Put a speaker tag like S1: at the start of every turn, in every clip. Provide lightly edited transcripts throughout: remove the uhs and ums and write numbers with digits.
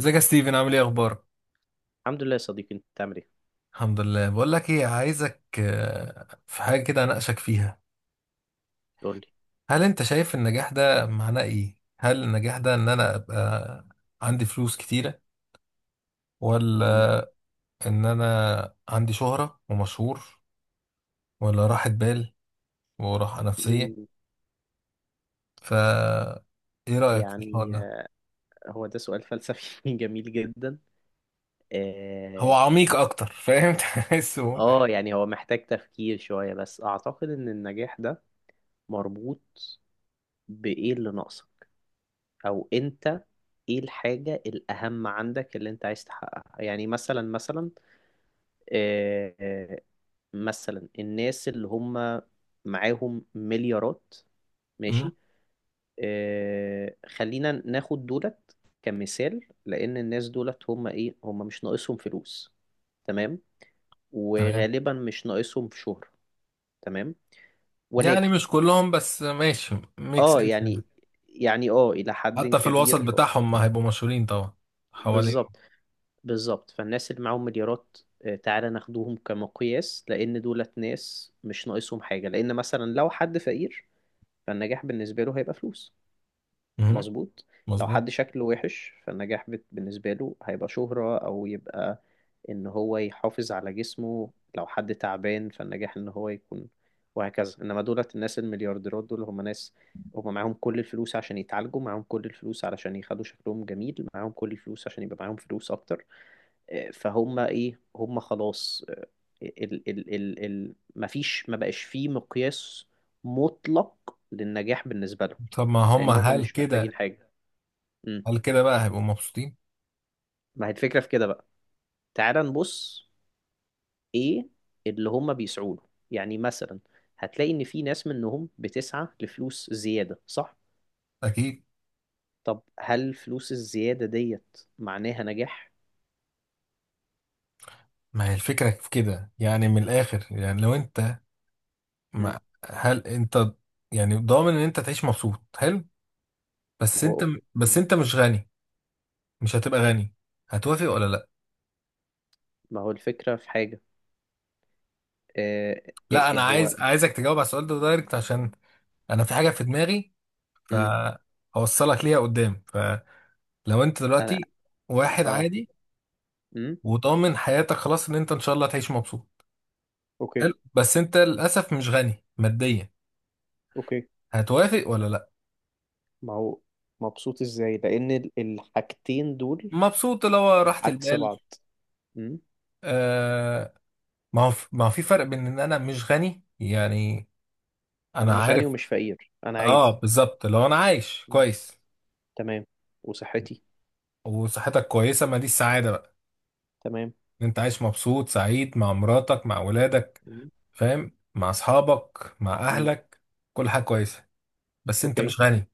S1: ازيك يا ستيفن؟ عامل ايه؟ اخبارك؟
S2: الحمد لله يا صديقي، انت بتعمل ايه؟
S1: الحمد لله. بقول لك ايه، عايزك في حاجه كده اناقشك فيها.
S2: قول لي.
S1: هل انت شايف النجاح ده معناه ايه؟ هل النجاح ده ان انا ابقى عندي فلوس كتيره؟
S2: مم.
S1: ولا ان انا عندي شهره ومشهور؟ ولا راحه بال وراحه نفسيه؟
S2: مم.
S1: ف ايه رايك في الحوار
S2: يعني
S1: ده؟
S2: هو ده سؤال فلسفي جميل جدا.
S1: هو
S2: اه.
S1: عميق اكتر، فاهم؟ تحسه.
S2: يعني هو محتاج تفكير شوية، بس اعتقد ان النجاح ده مربوط بايه اللي ناقصك، او انت ايه الحاجة الاهم عندك اللي انت عايز تحققها؟ يعني مثلا آه آه، مثلا الناس اللي هم معاهم مليارات.
S1: مم.
S2: ماشي. خلينا ناخد دولت كمثال، لأن الناس دولت هم إيه، هم مش ناقصهم فلوس. تمام.
S1: تمام.
S2: وغالبا مش ناقصهم في شهرة. تمام.
S1: يعني
S2: ولكن
S1: مش كلهم، بس ماشي، ميك
S2: اه
S1: سنس يعني.
S2: يعني، يعني إلى حد
S1: حتى في الوسط
S2: كبير.
S1: بتاعهم ما هيبقوا مشهورين طبعا، حوالين.
S2: بالظبط، بالظبط. فالناس اللي معاهم مليارات تعالى ناخدوهم كمقياس، لأن دولت ناس مش ناقصهم حاجة، لأن مثلا لو حد فقير فالنجاح بالنسبة له هيبقى فلوس.
S1: مهم.
S2: مظبوط. لو
S1: مظبوط.
S2: حد شكله وحش فالنجاح بالنسبة له هيبقى شهرة، أو يبقى إن هو يحافظ على جسمه. لو حد تعبان فالنجاح إن هو يكون، وهكذا. إنما دولت الناس المليارديرات دول هم ناس، هم معاهم كل الفلوس عشان يتعالجوا، معاهم كل الفلوس علشان يخلوا شكلهم جميل، معاهم كل الفلوس عشان يبقى معاهم فلوس أكتر. فهم إيه، هم خلاص. ال ال ال ال مفيش، ما بقاش فيه مقياس مطلق للنجاح بالنسبة لهم،
S1: طب ما هم،
S2: لأن هم
S1: هل
S2: مش محتاجين
S1: كده؟
S2: حاجة. امم
S1: هل كده بقى هيبقوا مبسوطين؟
S2: ما هي الفكرة في كده بقى؟ تعال نبص، ايه اللي هم بيسعوا له؟ يعني مثلا هتلاقي ان في ناس منهم بتسعى لفلوس زيادة، صح؟
S1: اكيد.
S2: طب هل فلوس الزيادة ديت معناها نجاح؟
S1: ما هي الفكره في كده يعني، من الاخر يعني، لو انت
S2: امم
S1: ما هل انت يعني ضامن ان انت تعيش مبسوط؟ حلو،
S2: ما
S1: بس انت
S2: هو.
S1: بس
S2: مم.
S1: انت مش غني، مش هتبقى غني، هتوافق ولا لا؟
S2: ما هو الفكرة في حاجة. آه إيه
S1: لا، انا
S2: إيه هو.
S1: عايزك تجاوب على السؤال ده دايركت، عشان انا في حاجه في دماغي،
S2: امم
S1: فهوصلك ليها قدام. فلو انت
S2: انا.
S1: دلوقتي واحد
S2: اه.
S1: عادي
S2: امم
S1: وضامن حياتك خلاص ان انت ان شاء الله تعيش مبسوط،
S2: اوكي.
S1: حلو، بس انت للاسف مش غني ماديا،
S2: اوكي.
S1: هتوافق ولا لا؟
S2: ما هو مبسوط ازاي؟ لان الحاجتين دول
S1: مبسوط لو راحة
S2: عكس
S1: البال.
S2: بعض. امم
S1: آه. ما هو في فرق بين ان انا مش غني يعني،
S2: انا
S1: انا
S2: مش غني
S1: عارف.
S2: ومش فقير، انا
S1: اه،
S2: عادي.
S1: بالظبط، لو انا عايش
S2: مم.
S1: كويس
S2: تمام. وصحتي.
S1: وصحتك كويسة، ما دي السعادة بقى.
S2: تمام.
S1: ان انت عايش مبسوط سعيد مع مراتك، مع ولادك،
S2: مم.
S1: فاهم، مع اصحابك، مع
S2: مم.
S1: اهلك، كل حاجة كويسة، بس انت
S2: اوكي.
S1: مش غني.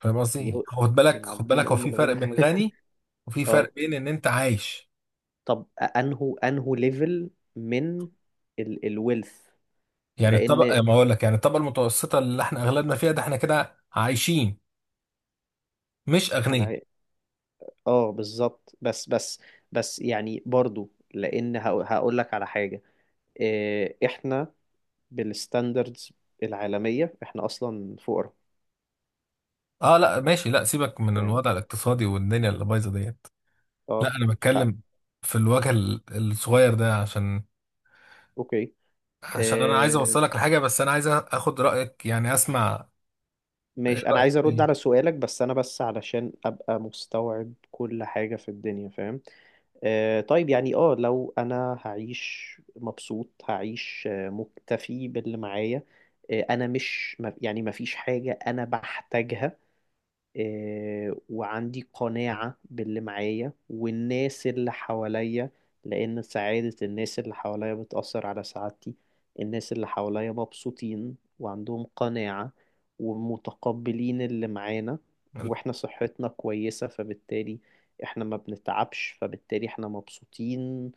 S1: فاهم قصدي؟
S2: يو-
S1: خد بالك،
S2: يعني
S1: خد
S2: عابدين
S1: بالك، هو
S2: ام
S1: في فرق
S2: الغنى
S1: بين غني وفي
S2: اه.
S1: فرق بين ان انت عايش.
S2: طب انهو ليفل من الويلث؟
S1: يعني
S2: لان
S1: الطبقة، ما اقول لك يعني، الطبقة المتوسطة اللي احنا اغلبنا فيها، ده احنا كده عايشين، مش
S2: انا
S1: اغنياء.
S2: عاي- اه بالظبط، بس يعني برضو، لان هقول لك على حاجه. إيه، احنا بالستاندردز العالميه احنا اصلا فقراء.
S1: اه لا، ماشي، لا سيبك من
S2: فاهم.
S1: الوضع الاقتصادي والدنيا اللي بايظة ديت. لا
S2: اه.
S1: انا
S2: لا.
S1: بتكلم في الوجه الصغير ده، عشان
S2: اوكي.
S1: عشان انا عايز
S2: إيه،
S1: اوصلك لحاجة، بس انا عايز اخد رأيك يعني، اسمع. إيه
S2: ماشي، انا
S1: رأيك
S2: عايز ارد
S1: إيه؟
S2: على سؤالك، بس انا بس علشان ابقى مستوعب كل حاجه في الدنيا، فاهم. طيب يعني لو انا هعيش مبسوط هعيش مكتفي باللي معايا. انا مش يعني ما فيش حاجة انا بحتاجها. وعندي قناعة باللي معايا والناس اللي حواليا، لأن سعادة الناس اللي حواليا بتأثر على سعادتي. الناس اللي حواليا مبسوطين وعندهم قناعة ومتقبلين اللي معانا، واحنا صحتنا كويسة، فبالتالي احنا ما بنتعبش، فبالتالي احنا مبسوطين.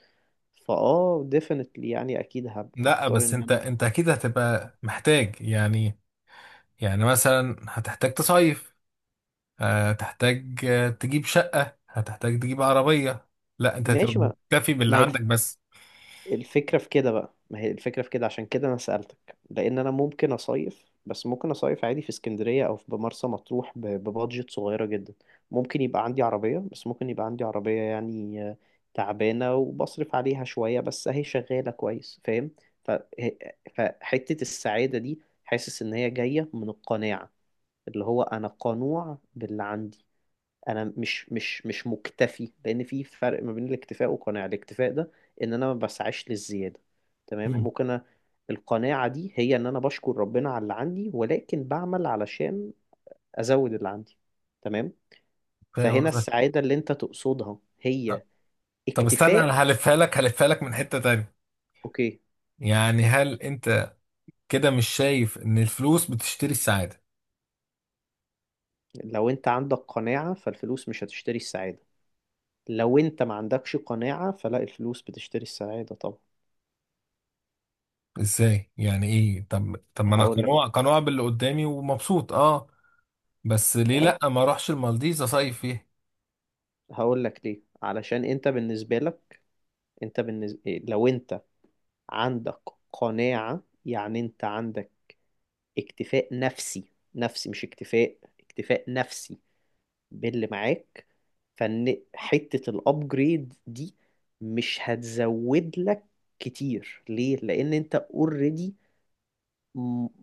S2: definitely يعني اكيد
S1: لا،
S2: هختار
S1: بس
S2: ان
S1: انت
S2: انا.
S1: انت اكيد هتبقى محتاج يعني. يعني مثلا هتحتاج تصيف، هتحتاج تجيب شقة، هتحتاج تجيب عربية. لا انت هتبقى
S2: ماشي.
S1: مكتفي باللي
S2: ما هي
S1: عندك بس؟
S2: الفكرة في كده بقى ما هي الفكرة في كده، عشان كده أنا سألتك، لأن أنا ممكن أصيف، بس ممكن أصيف عادي في اسكندرية أو في مرسى مطروح ببادجت صغيرة جدا. ممكن يبقى عندي عربية، بس ممكن يبقى عندي عربية يعني تعبانة وبصرف عليها شوية، بس أهي شغالة كويس، فاهم. ف- ه- فحتة السعادة دي حاسس إن هي جاية من القناعة، اللي هو أنا قنوع باللي عندي. انا مش مكتفي، لان في فرق ما بين الاكتفاء والقناعه. الاكتفاء ده ان انا ما بسعاش للزياده، تمام.
S1: مم.
S2: ممكن القناعه دي هي ان انا بشكر ربنا على اللي عندي، ولكن بعمل علشان ازود اللي عندي. تمام.
S1: فاهم
S2: فهنا
S1: قصدك.
S2: السعاده اللي انت تقصدها هي
S1: طب استنى، انا
S2: اكتفاء.
S1: هلفها لك من حتة تانية.
S2: اوكي.
S1: يعني هل انت كده مش شايف ان الفلوس بتشتري السعادة؟
S2: لو انت عندك قناعه فالفلوس مش هتشتري السعاده، لو انت ما عندكش قناعه فلا، الفلوس بتشتري السعاده طبعا.
S1: ازاي يعني ايه؟ طب ما انا
S2: هقول لك.
S1: قنوع قنوع باللي قدامي ومبسوط، اه، بس ليه
S2: اي،
S1: لا ما اروحش المالديفز اصيف فيها؟
S2: هقول لك ليه. علشان انت بالنسبه لك، انت بالنسبة لو انت عندك قناعة، يعني انت عندك اكتفاء نفسي. نفسي مش اكتفاء، اكتفاء نفسي باللي معاك، فان حتة الابجريد دي مش هتزود لك كتير. ليه؟ لان انت اوريدي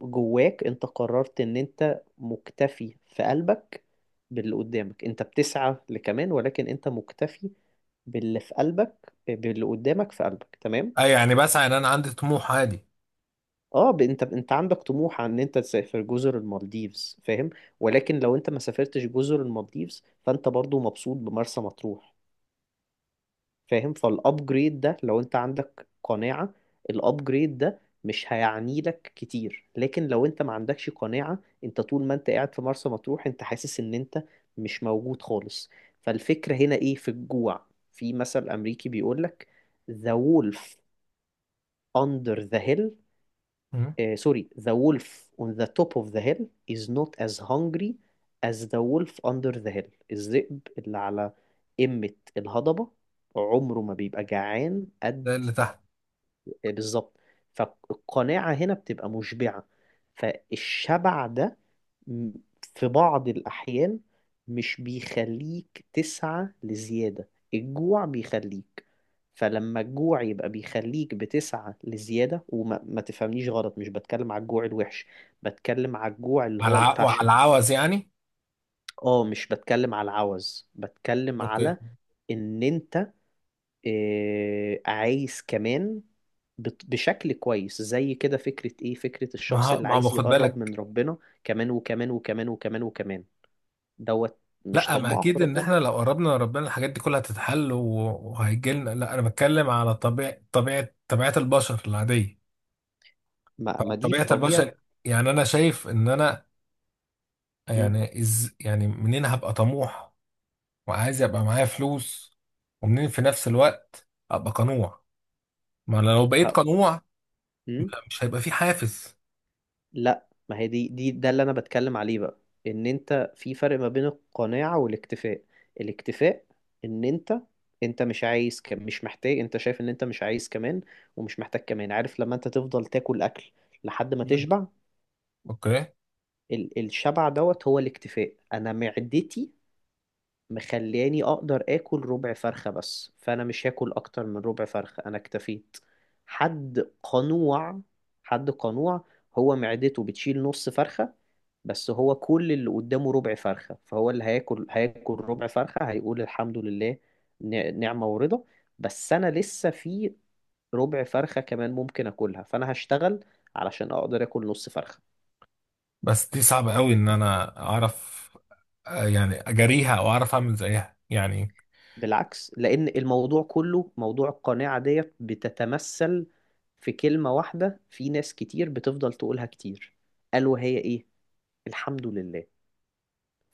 S2: جواك انت قررت ان انت مكتفي في قلبك باللي قدامك. انت بتسعى لكمان، ولكن انت مكتفي باللي في قلبك، باللي قدامك في قلبك، تمام؟
S1: اه يعني بسعى، ان انا عندي طموح عادي.
S2: اه. انت عندك طموح عن ان انت تسافر جزر المالديفز، فاهم، ولكن لو انت ما سافرتش جزر المالديفز فانت برضو مبسوط بمرسى مطروح، فاهم. فالابجريد ده لو انت عندك قناعة الابجريد ده مش هيعني لك كتير. لكن لو انت ما عندكش قناعة، انت طول ما انت قاعد في مرسى مطروح انت حاسس ان انت مش موجود خالص. فالفكرة هنا ايه؟ في الجوع. في مثل امريكي بيقولك: the wolf under the hill.
S1: مم.
S2: Sorry, the wolf on the top of the hill is not as hungry as the wolf under the hill. الذئب اللي على قمة الهضبة عمره ما بيبقى جعان قد.
S1: ده اللي تحت.
S2: بالظبط. فالقناعة هنا بتبقى مشبعة. فالشبع ده م- في بعض الأحيان مش بيخليك تسعى لزيادة، الجوع بيخليك. فلما الجوع يبقى بيخليك بتسعى لزيادة، وما ما تفهمنيش غلط، مش بتكلم على الجوع الوحش، بتكلم على الجوع اللي هو
S1: وعلى
S2: الباشن.
S1: العوز يعني.
S2: اه، مش بتكلم على العوز، بتكلم
S1: اوكي.
S2: على ان انت عايز كمان. بشكل كويس زي كده. فكرة ايه؟ فكرة
S1: ما
S2: الشخص
S1: هو-
S2: اللي
S1: ما هو
S2: عايز
S1: باخد
S2: يقرب من
S1: بالك.
S2: ربنا كمان وكمان وكمان وكمان وكمان دوت. مش
S1: لا، ما
S2: طماع في
S1: اكيد ان
S2: ربنا.
S1: احنا لو قربنا لربنا الحاجات دي كلها هتتحل، وهيجيلنا. لا انا بتكلم على طبيعة البشر العادية،
S2: ما دي في
S1: فطبيعة
S2: طبيعة.
S1: البشر، يعني انا شايف ان انا،
S2: م.
S1: يعني يعني منين هبقى طموح وعايز يبقى معايا فلوس، ومنين في نفس الوقت ابقى قنوع؟ ما انا لو بقيت
S2: ه-
S1: قنوع،
S2: م.
S1: لا، مش هيبقى في حافز.
S2: لا، ما هي دي ده اللي انا بتكلم عليه بقى، ان انت في فرق ما بين القناعة والاكتفاء. الاكتفاء ان انت، انت مش عايز كم مش محتاج، انت شايف ان انت مش عايز كمان ومش محتاج كمان. عارف لما انت تفضل تاكل اكل لحد ما
S1: مم.
S2: تشبع؟
S1: اوكي.
S2: الشبع دوت هو الاكتفاء. انا معدتي مخلياني اقدر اكل ربع فرخة بس، فانا مش هاكل اكتر من ربع فرخة، انا اكتفيت. حد قنوع، حد قنوع هو معدته بتشيل نص فرخة، بس هو كل اللي قدامه ربع فرخة، فهو اللي هياكل ربع فرخة. هيقول الحمد لله، نعمة ورضا. بس انا لسه في ربع فرخة كمان ممكن اكلها، فانا هشتغل علشان اقدر اكل نص فرخة.
S1: بس دي صعبة قوي ان انا اعرف، يعني اجاريها او اعرف اعمل زيها يعني.
S2: بالعكس، لأن الموضوع كله موضوع القناعة ديت بتتمثل في كلمة واحدة، في ناس كتير بتفضل تقولها كتير، ألا وهي إيه؟ الحمد لله.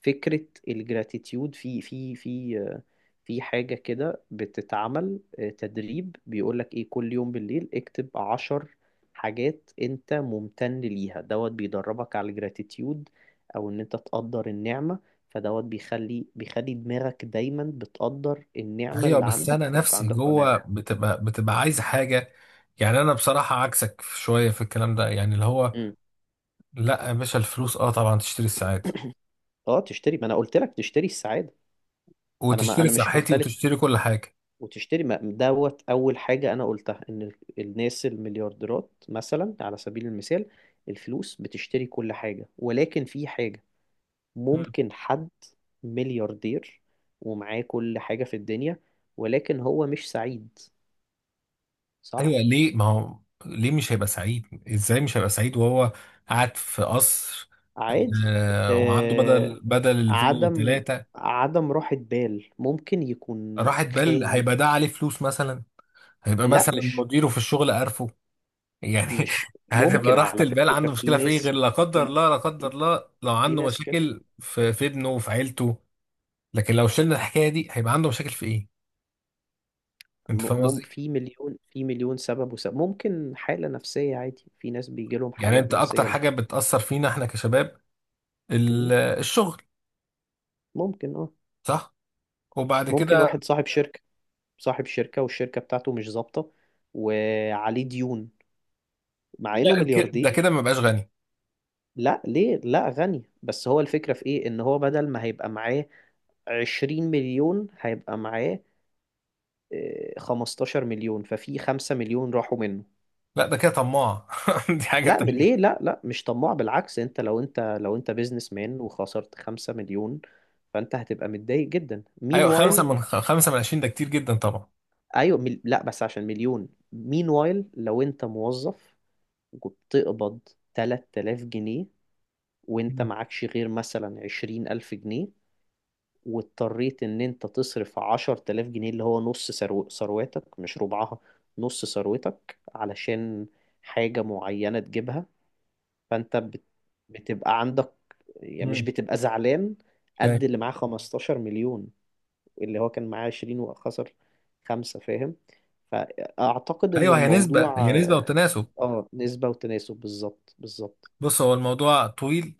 S2: فكرة الجراتيتيود، في في في في حاجة كده بتتعمل تدريب بيقولك ايه؟ كل يوم بالليل اكتب 10 حاجات انت ممتن ليها. دوت بيدربك على الجراتيتيود، او ان انت تقدر النعمة. فدوت بيخلي دماغك دايما بتقدر النعمة
S1: ايوه،
S2: اللي
S1: بس
S2: عندك،
S1: انا
S2: فبيبقى
S1: نفسي
S2: عندك
S1: جوه
S2: قناعة.
S1: بتبقى
S2: م.
S1: عايز حاجه، يعني انا بصراحه عكسك شويه في الكلام ده، يعني اللي هو،
S2: م.
S1: لا يا باشا، الفلوس طبعا تشتري الساعات
S2: اه تشتري، ما انا قلت لك تشتري السعادة. انا، ما
S1: وتشتري
S2: انا مش
S1: صحتي
S2: مختلف.
S1: وتشتري كل حاجه.
S2: وتشتري، ما دوت اول حاجه انا قلتها، ان الناس المليارديرات مثلا على سبيل المثال الفلوس بتشتري كل حاجه، ولكن في حاجه.
S1: مم.
S2: ممكن حد ملياردير ومعاه كل حاجه في الدنيا، ولكن هو مش سعيد، صح؟
S1: ايوه، ليه ما هو ليه مش هيبقى سعيد، ازاي مش هيبقى سعيد وهو قاعد في قصر؟
S2: عادي.
S1: آه، وعنده
S2: آه.
S1: بدل الفيلا
S2: عدم
S1: ثلاثه.
S2: عدم راحة بال، ممكن يكون
S1: راحت بال، هيبقى
S2: خايف.
S1: ده عليه فلوس مثلا، هيبقى
S2: لا
S1: مثلا
S2: مش
S1: مديره في الشغل، عارفه يعني.
S2: مش
S1: هتبقى
S2: ممكن،
S1: راحة
S2: على
S1: البال
S2: فكرة
S1: عنده
S2: في
S1: مشكلة في ايه، غير
S2: ناس.
S1: لا قدر
S2: في
S1: الله، لا قدر
S2: في,
S1: الله، لو
S2: في
S1: عنده
S2: ناس كده.
S1: مشاكل في ابنه وفي عيلته. لكن لو شلنا الحكاية دي، هيبقى عنده مشاكل في ايه؟ انت فاهم قصدي؟
S2: في مليون، في مليون سبب وسبب، ممكن حالة نفسية عادي، في ناس بيجي لهم
S1: يعني
S2: حالات
S1: انت اكتر
S2: نفسية.
S1: حاجة بتأثر فينا احنا كشباب،
S2: مم،
S1: الشغل،
S2: ممكن اه.
S1: صح، وبعد
S2: ممكن
S1: كده.
S2: واحد صاحب شركة، والشركة بتاعته مش ظابطة وعليه ديون، مع
S1: لا،
S2: انه
S1: ده كده
S2: ملياردير.
S1: ما بقاش غني.
S2: لا ليه لا، غني، بس هو الفكرة في ايه؟ ان هو بدل ما هيبقى معاه 20 مليون، هيبقى معاه 15 مليون، ففي 5 مليون راحوا منه.
S1: لا، ده كده طماع، دي حاجة
S2: لا ليه،
S1: تانية.
S2: لا لا مش طماع، بالعكس انت، لو انت بيزنس مان وخسرت 5 مليون، فانت هتبقى متضايق جدا. مين
S1: ايوه،
S2: وايل.
S1: خمسة من 20 ده كتير جدا طبعا.
S2: ايوه لا بس عشان مليون مين وايل لو انت موظف وبتقبض 3000 جنيه، وانت
S1: مم.
S2: معكش غير مثلا 20000 جنيه، واضطريت ان انت تصرف 10000 جنيه اللي هو نص ثروتك، مش ربعها نص ثروتك، علشان حاجة معينة تجيبها، فانت بتبقى عندك، يعني مش
S1: مم.
S2: بتبقى زعلان قد
S1: فاهم.
S2: اللي معاه 15 مليون، اللي هو كان معاه 20 وخسر خمسة، فاهم. فأعتقد إن
S1: ايوه، هي نسبة هي
S2: الموضوع
S1: نسبة وتناسب.
S2: نسبة وتناسب، بالظبط، بالظبط.
S1: بص، هو الموضوع طويل،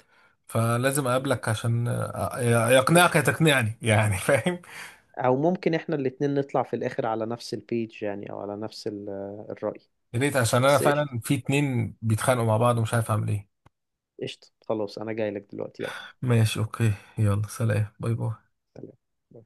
S1: فلازم
S2: مم.
S1: اقابلك عشان يقنعك يا
S2: قشطة،
S1: تقنعني يعني، فاهم.
S2: أو ممكن إحنا الاتنين نطلع في الآخر على نفس البيج يعني، أو على نفس الرأي.
S1: يا ريت، عشان انا
S2: بس قشطة،
S1: فعلا في اتنين بيتخانقوا مع بعض ومش عارف اعمل ايه.
S2: قشطة، خلاص أنا جاي لك دلوقتي، يلا،
S1: ماشي، اوكي، يلا، سلام، باي باي.
S2: سلام.